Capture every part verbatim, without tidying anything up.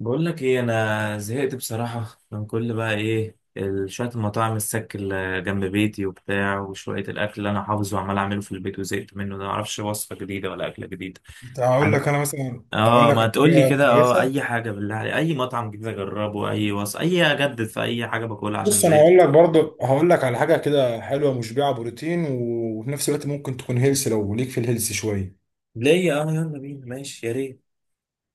بقول لك ايه؟ انا زهقت بصراحه من كل بقى ايه ال- شويه المطاعم السك اللي جنب بيتي وبتاع وشويه الاكل اللي انا حافظه وعمال اعمله في البيت وزهقت منه ده. ما اعرفش وصفه جديده ولا اكله جديده. انت هقول عن. لك. انا مثلا هقول اه، لك ما على تقول لي حاجه كده، اه كويسه. اي حاجه بالله عليك، اي مطعم جديد اجربه، اي وصفه، اي اجدد في اي حاجه باكلها عشان بص انا هقول زهقت. لك، برضو هقول لك على حاجه كده حلوه، مشبعه بروتين وفي نفس الوقت ممكن تكون هيلث لو ليك في الهيلث شويه. ليه؟ اه يلا بينا، ماشي يا ريت.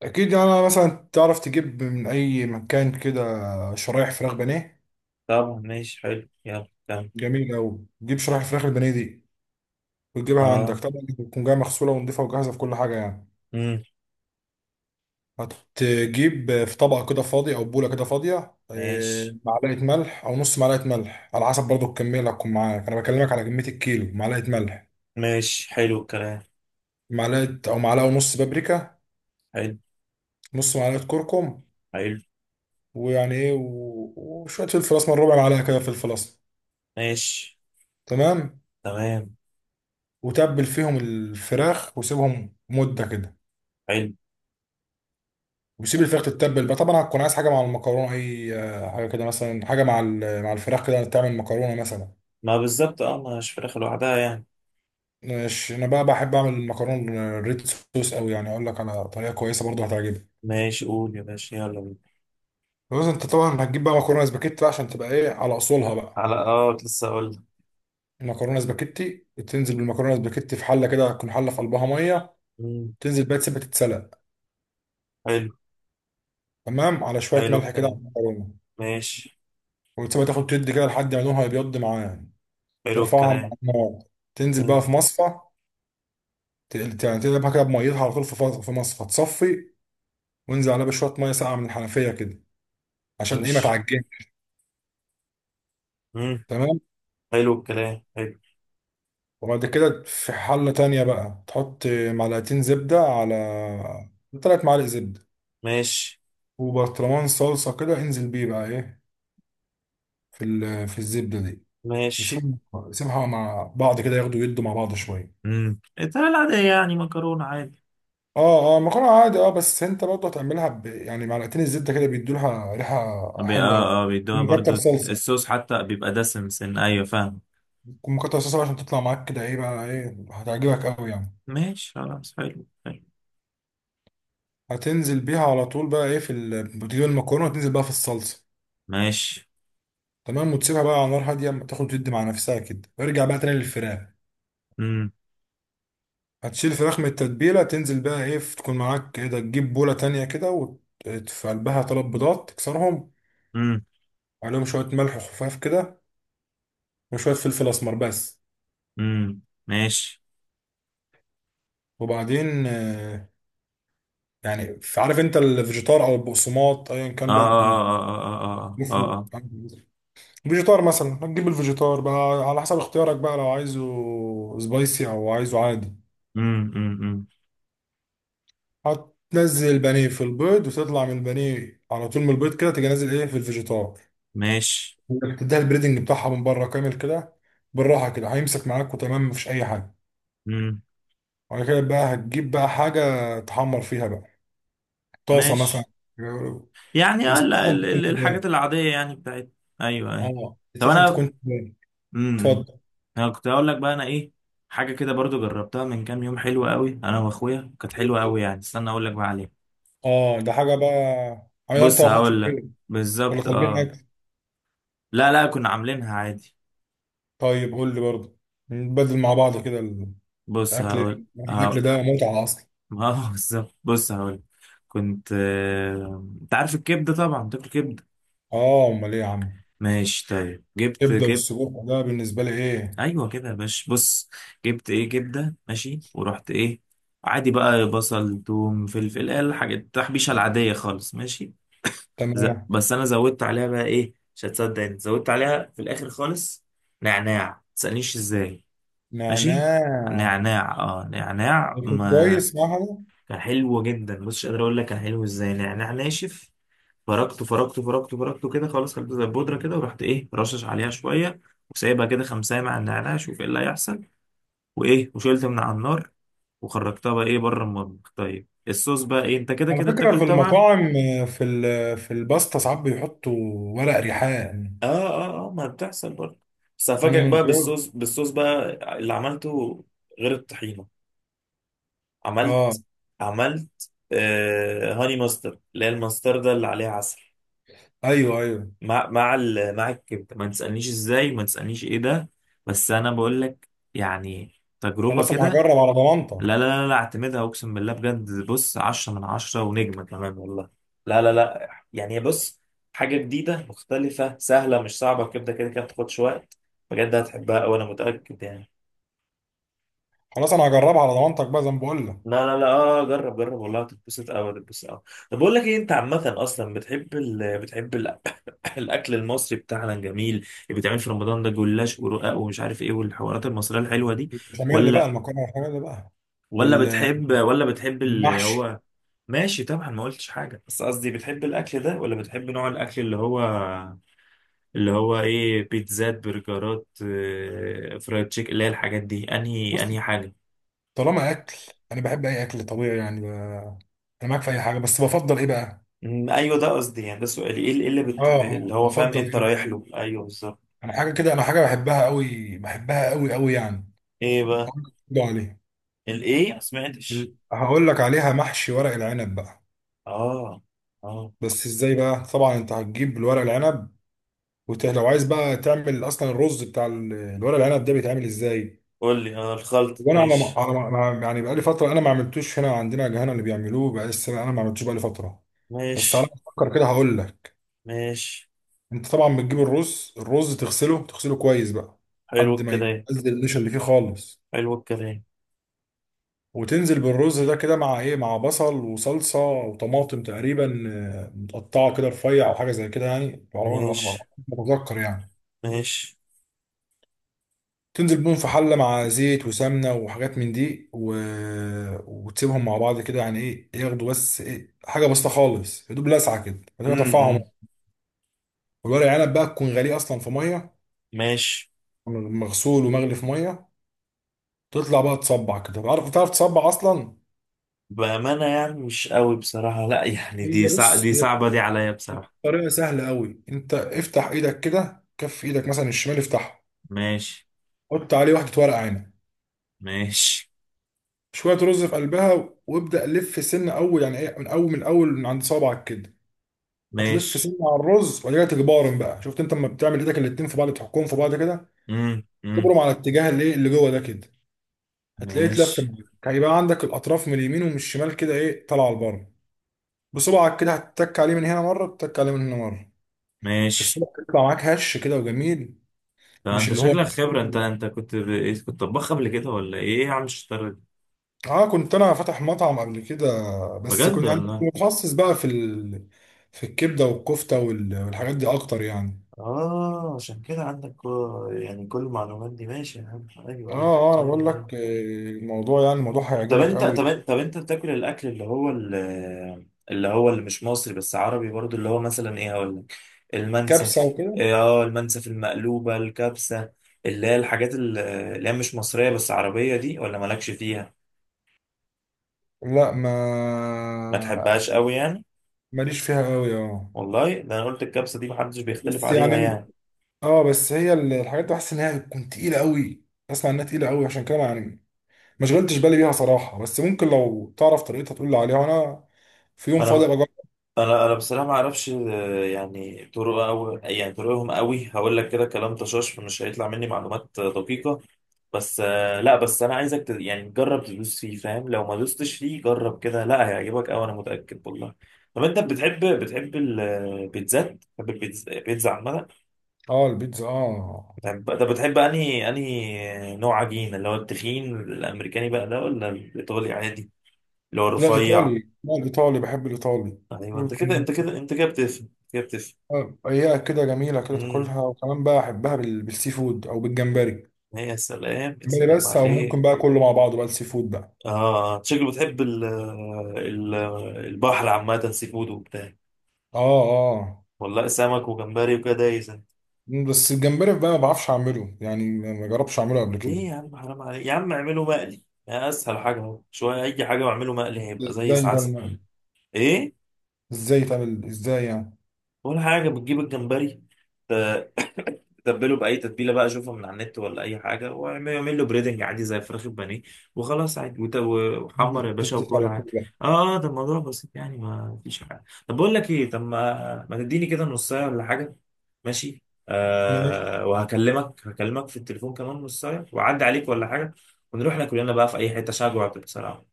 اكيد يعني. انا مثلا تعرف تجيب من اي مكان كده شرايح فراخ بانيه. طبعا ماشي حلو، يلا كمل. جميل قوي. تجيب شرايح فراخ البانيه دي وتجيبها عندك، اه. طبعا بتكون جايه مغسوله ونضيفه وجاهزه في كل حاجه يعني. امم. هتجيب في طبق كده فاضي او بوله كده فاضيه، ماشي. آه، معلقه ملح او نص معلقه ملح على حسب برضو الكميه اللي هتكون معاك. انا بكلمك على كميه الكيلو، معلقه ملح، ماشي، حلو الكلام. معلقه او معلقه ونص بابريكا، حلو. نص معلقه كركم، حلو. ويعني ايه و- وشويه فلفل اسمر، ربع معلقه كده فلفل اسمر. ماشي. تمام. تمام. وتبل فيهم الفراخ وسيبهم مده كده. حلو. وسيب الفراخ تتبل بقى. طبعا هتكون عايز حاجه مع المكرونه، اي آه، حاجه كده، مثلا حاجه مع ال- مع الفراخ كده، تعمل مكرونه مثلا. ما بالظبط اه، ما هيش فراخ لوحدها يعني. ماشي، انا بقى بحب اعمل المكرونه الريد صوص قوي يعني. اقول لك على طريقه كويسه برضه هتعجبك. ماشي قول يا باشا، يلا بينا. بس انت طبعا هتجيب بقى مكرونه سباكيتي بقى عشان تبقى ايه، على اصولها بقى. على اه، كنت لسه اقول لك. المكرونه سباكيتي، تنزل بالمكرونه سباكيتي في حله كده، تكون حله في قلبها ميه. مم، تنزل بقى، تسيبها تتسلق حلو. تمام على شويه حلو ملح كده على الكلام. المكرونه. ماشي. وتسيبها تاخد تد كده لحد ما لونها يبيض معايا. حلو ترفعها من الكلام. على النار، تنزل بقى مم. في مصفى. تقل- يعني تقلبها كده بميتها على طول، في فص- في مصفى تصفي. وانزل عليها بشويه ميه ساقعه من الحنفيه كده عشان ايه، ما ماشي. تعجنش. مم. تمام. حلو الكلام. حلو. وبعد كده في حلة تانية بقى تحط معلقتين زبدة على، تلات معالق زبدة ماشي. وبرطمان صلصة، كده انزل بيه بقى ايه في ال... في الزبدة دي. ماشي. وسيبهم، سيبها مع بعض كده ياخدوا يدوا مع بعض شوية. امم، الطريقة العادية يعني، مكرونة عادي. اه اه مكرونة عادي. اه، بس انت برضه هتعملها ب... يعني معلقتين الزبدة كده بيدوا لها ريحة بي- حلوة أوي. اه اه بيدوها ومكتر برضو. صلصة. الصوص حتى بيبقى دسم سن، ايوه فاهم. ومكتر صلصة بقى عشان تطلع معاك كده ايه بقى، ايه هتعجبك أوي يعني. ماشي خلاص، حلو حلو. هتنزل بيها على طول بقى ايه في ال... بتجيب المكرونة وتنزل بقى في الصلصة. ماشي. تمام. وتسيبها بقى على نار هاديه أما تاخد وتدي مع نفسها كده، وارجع بقى تاني للفراخ. امم. هتشيل الفراخ من التتبيله، تنزل بقى ايه، تكون معاك ايه ده، تجيب بوله تانية كده وت- في قلبها تلات بيضات، تكسرهم. امم. عليهم شويه ملح خفاف كده وشويه فلفل اسمر بس. امم. ماشي. وبعدين آه، يعني ف- عارف انت الفيجيتار او البقسماط ايا اه كان بقى، اه اه اه اه اه مفهوم. اه. فيجيتار مثلا، هتجيب الفيجيتار بقى على حسب اختيارك بقى، لو عايزه سبايسي او عايزه عادي. امم. هتنزل البانيه في البيض وتطلع من البانيه على طول، من البيض كده تيجي نازل ايه في الفيجيتار. ماشي. تديها البريدنج بتاعها من بره كامل كده، بالراحه كده هيمسك معاك وتمام، مفيش اي حاجه. امم. وبعد كده بقى هتجيب بقى حاجه تحمر فيها بقى، طاسه مثلا. ماشي. يعني آه، ال- يستخدم ال- تكون ال- تبان. الحاجات العادية يعني بتاعت. ايوه ايوه. اه طب يستخدم انا. تكون تبان. امم. اتفضل. انا كنت اقول لك بقى، انا ايه. حاجة كده برضو جربتها من كام يوم، حلوة قوي، انا واخويا، كانت حلوة قوي يعني. استنى اقول لك بقى عليها. اه، ده حاجه بقى. عمال انت بص واخوك في هقول لك. البيت، ولا بالظبط طالبين اه. اكل؟ لا لا، كنا عاملينها عادي. طيب قول لي برضه، نبدل مع بعض كده. بص الاكل، هقول. الاكل اه ده متعه اصلا. ما هو بالظبط، بص هقول لك. كنت آه، انت عارف الكبدة؟ طبعا تاكل كبدة. اه امال ايه يا عم. ماشي طيب، جبت كبده كبدة. والسجق ده بالنسبه لي ايه. ايوه كده يا باشا، بص. جبت ايه؟ جبده، ماشي، ورحت ايه؟ عادي بقى، بصل توم فلفل، إيه الحاجات التحبيشه العاديه خالص. ماشي. ز... تمام. بس انا زودت عليها بقى ايه، مش هتصدق انت، زودت عليها في الاخر خالص. نعناع، متسألنيش ازاي. ماشي. نعناع نعناع اه نعناع، يكون ما كويس معاها. كان حلو جدا. بص مش قادر اقول لك كان حلو ازاي. نعناع ناشف، فركته فركته فركته فركته كده خلاص، خليته زي البودره كده، ورحت ايه، رشش عليها شويه. وسايبها كده خمسة مع النعناع، شوف ايه اللي هيحصل. وايه، وشلت من على النار. وخرجتها بقى ايه بره المطبخ. طيب الصوص بقى ايه، انت كده على كده فكره في بتاكل طبعا. المطاعم، آه، في ال- في الباستا ساعات بيحطوا ورق ريحان. اه اه اه، ما بتحصل برضه. بس هفاجئك امم، بقى بجد؟ بالصوص، بالصوص بقى اللي عملته، غير الطحينه. اه. عملت. عملت آه هاني ماستر، اللي هي الماستردة اللي عليها عسل. ايوه ايوه. مع مع ال- مع الكبده، ما تسالنيش ازاي، ما تسالنيش ايه ده. بس انا بقول لك يعني، تجربه خلاص انا كده. هجرب على ضمانتك. لا لا لا لا، اعتمدها، اقسم بالله بجد، بص عشرة من عشرة ونجمة كمان والله. لا لا لا يعني، بص، حاجة جديدة مختلفة سهلة، مش صعبة، كده كده كده بتاخدش وقت. بجد هتحبها أوي، أنا متأكد يعني. خلاص انا هجربها على ضمانتك بقى زي ما بقول لك. لا لا لا، اه جرب جرب، والله هتتبسط أوي، هتتبسط أوي. طب بقول لك إيه، أنت عامة أصلا بتحب ال... بتحب ال... الأكل المصري بتاعنا الجميل اللي بيتعمل في رمضان، ده جلاش ورقاق ومش عارف إيه، والحوارات المصرية الحلوة دي، البشاميل بقى، ولا المكرونه البشاميل بقى. ولا بتحب ولا بتحب اللي والمحشي. هو. ماشي طبعا، ما قلتش حاجة، بس قصدي بتحب الأكل ده، ولا بتحب نوع الأكل اللي هو اللي هو إيه، بيتزات برجرات آه، فرايد تشيك، اللي هي الحاجات دي، أنهي بص، أنهي حاجة؟ طالما اكل، انا بحب اي اكل طبيعي يعني ب- انا معاك في اي حاجه، بس بفضل ايه بقى. أمم، ايوه ده قصدي يعني، ده سؤالي، ايه اللي إيه اللي, اه بت... اللي اه، هو فاهم بفضل انت ايه رايح بقى. له، ايوه بالظبط. انا حاجه كده، انا حاجه بحبها قوي، بحبها قوي قوي يعني. ايه بقى؟ هقول لك برضه عليها. الايه، ما سمعتش. ال- هقول لك عليها محشي ورق العنب بقى. اه اه بس ازاي بقى؟ طبعا انت هتجيب الورق العنب وت... لو عايز بقى تعمل اصلا الرز بتاع ال- الورق العنب ده بيتعمل ازاي. قول لي، اه الخلط، وانا على ما... ماشي. على ما... ما- يعني بقى لي فتره انا ما عملتوش. هنا عندنا هنا اللي بيعملوه بقى، لسه انا ما عملتوش بقى لي فتره. بس على ماشي. ما افكر كده هقول لك. ماشي. انت طبعا بتجيب الرز، الرز تغسله، تغسله كويس بقى حلو لحد ما الكلام. ينزل النشا اللي فيه خالص. حلو الكلام. وتنزل بالرز ده كده مع ايه، مع بصل وصلصه وطماطم تقريبا، آه، متقطعه كده رفيع او حاجه زي كده يعني. على ما على ما- على ماشي. ما اتذكر يعني. ماشي. تنزل بيهم في حله مع زيت وسمنه وحاجات من دي و... وتسيبهم مع بعض كده يعني ايه ياخدوا، بس ايه حاجه بسيطه خالص، يا دوب لسعه كده بعد كده امم. ترفعهم. أمم. والورق عنب بقى تكون غاليه اصلا في ميه، ماشي. مغسول ومغلي في ميه. تطلع بقى تصبع كده. عارف بتعرف تصبع اصلا؟ بأمانة يعني مش قوي بصراحة، لا يعني، دي هي صع... بص، دي هي صعبة دي عليا بصراحة. طريقة سهلة قوي. انت افتح ايدك كده، كف ايدك مثلا الشمال افتحها. ماشي. حط عليه واحدة ورق عنب، ماشي. شوية رز في قلبها، وابدأ لف سنة اول، يعني ايه، من اول، من اول من عند صابعك كده. هتلف ماشي. سنة على الرز وبعد كده تجبارن بقى. شفت انت لما بتعمل ايدك الاتنين في بعض، تحكهم في بعض كده، امم. امم. تبرم على اتجاه الايه اللي جوه ده كده، هتلاقيه اتلف ماشي. معاك. هيبقى عندك الاطراف من اليمين ومن الشمال كده ايه، طالعه لبره. بصبعك كده هتتك عليه من هنا مرة، تتك عليه من هنا مرة، ماشي. الصبع يطلع معاك هش كده وجميل. ده مش انت اللي هو، شكلك خبرة، انت انت كنت ب... إيه، كنت طباخ قبل كده ولا ايه إيه يا عم الشطارة دي؟ اه، كنت انا فاتح مطعم قبل كده. بس بجد كنت يعني كنت والله. متخصص بقى في ال... في الكبده والكفته وال... والحاجات دي اكتر يعني. اه عشان كده عندك كو... يعني كل المعلومات دي. ماشي يا عم، اه ايوه ايوه. اه، انا ايوه بقول ايوه، لك آه، أيوة. الموضوع، يعني الموضوع طب هيعجبك انت قوي. طب انت طب انت بتاكل الاكل اللي هو ال- اللي هو، اللي مش مصري بس عربي برضو، اللي هو مثلا ايه هقول لك، كبسه المنسف، وكده، إيه، اه المنسف المقلوبة الكبسة، اللي هي الحاجات ال- اللي هي مش مصرية بس عربية دي، ولا مالكش فيها، لا ما ما تحبهاش قوي يعني؟ ماليش فيها قوي. اه والله ده انا قلت الكبسة دي محدش بيختلف بس عليها يعني، يعني. اه بس هي ال- الحاجات دي بحس انها بتكون تقيله قوي. اسمع انها تقيله قوي، عشان كده يعني ما شغلتش بالي بيها صراحه. بس ممكن لو تعرف طريقتها تقول لي عليها، وانا في يوم فاضي انا بجرب. انا انا بصراحه ما اعرفش آه، يعني طرق، او يعني طرقهم قوي، هقول لك كده كلام طشاش، فمش هيطلع مني معلومات آه، دقيقه. بس آه، لا، بس انا عايزك ت- يعني تجرب، تدوس فيه فاهم، لو ما دوستش فيه جرب كده، لا هيعجبك قوي انا متاكد والله. طب انت بتحب بتحب البيتزات، بتحب البيتزا، البيتزا عامه اه البيتزا اه. بتحب؟ طب بتحب انهي انهي نوع عجين، اللي هو التخين الامريكاني بقى ده، ولا الايطالي عادي اللي هو لا الرفيع؟ الإيطالي، لا الإيطالي بحب الإيطالي. ايوه حلو انت كده يكون، انت كده انت كده بتفهم كده. آه، أيها كده جميلة كده بتفهم. تاكلها. وكمان بقى أحبها بال... بالسي فود أو بالجمبري. يا سلام يا جمبري سلام بس، أو ممكن عليك. بقى كله مع بعضه بقى، السي فود بقى. اه شكله بتحب ال ال البحر عامة، سي فود وبتاع. آه آه. والله سمك وجمبري وكده يا انت. بس الجمبري بقى ما بعرفش أعمله يعني، ما جربتش أعمله قبل كده. ليه يا عم حرام عليك يا عم، اعمله مقلي. يا اسهل حاجة اهو، شوية اي حاجة واعمله مقلي هيبقى زي إزاي ده العسل. الم- ايه؟ إزاي تعمل، إزاي يعني؟ ولا حاجة، بتجيب الجمبري، آه، تبله باي تتبيله بقى، اشوفها من على النت ولا اي حاجه، واعمل له بريدنج عادي زي فراخ البانيه، وخلاص عادي، وت- وحمر يا في باشا، الزيت وكل على طول عادي. بقى. اه ده الموضوع بسيط يعني، ما فيش حاجه. طب بقول لك ايه، طب ما ما تديني كده نص ساعه ولا حاجه. ماشي. آه ماشي. وهكلمك، هكلمك في التليفون كمان نص ساعه، واعدي عليك ولا حاجه. ونروح ناكل لنا بقى في اي حته، شجوع بصراحه.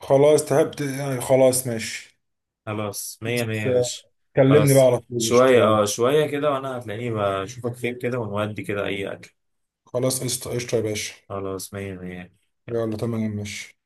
خلاص تعبت يعني، خلاص ماشي. خلاص مية مية بس، يا آه، باشا. كلمني بقى خلاص، على طول، قشطة، شوية يلا. اه شوية كده وانا هتلاقيني، بشوفك فين كده ونودي كده اي اكل. خلاص، قشطة قشطة يا باشا. خلاص مية مية. يلا تمام ماشي.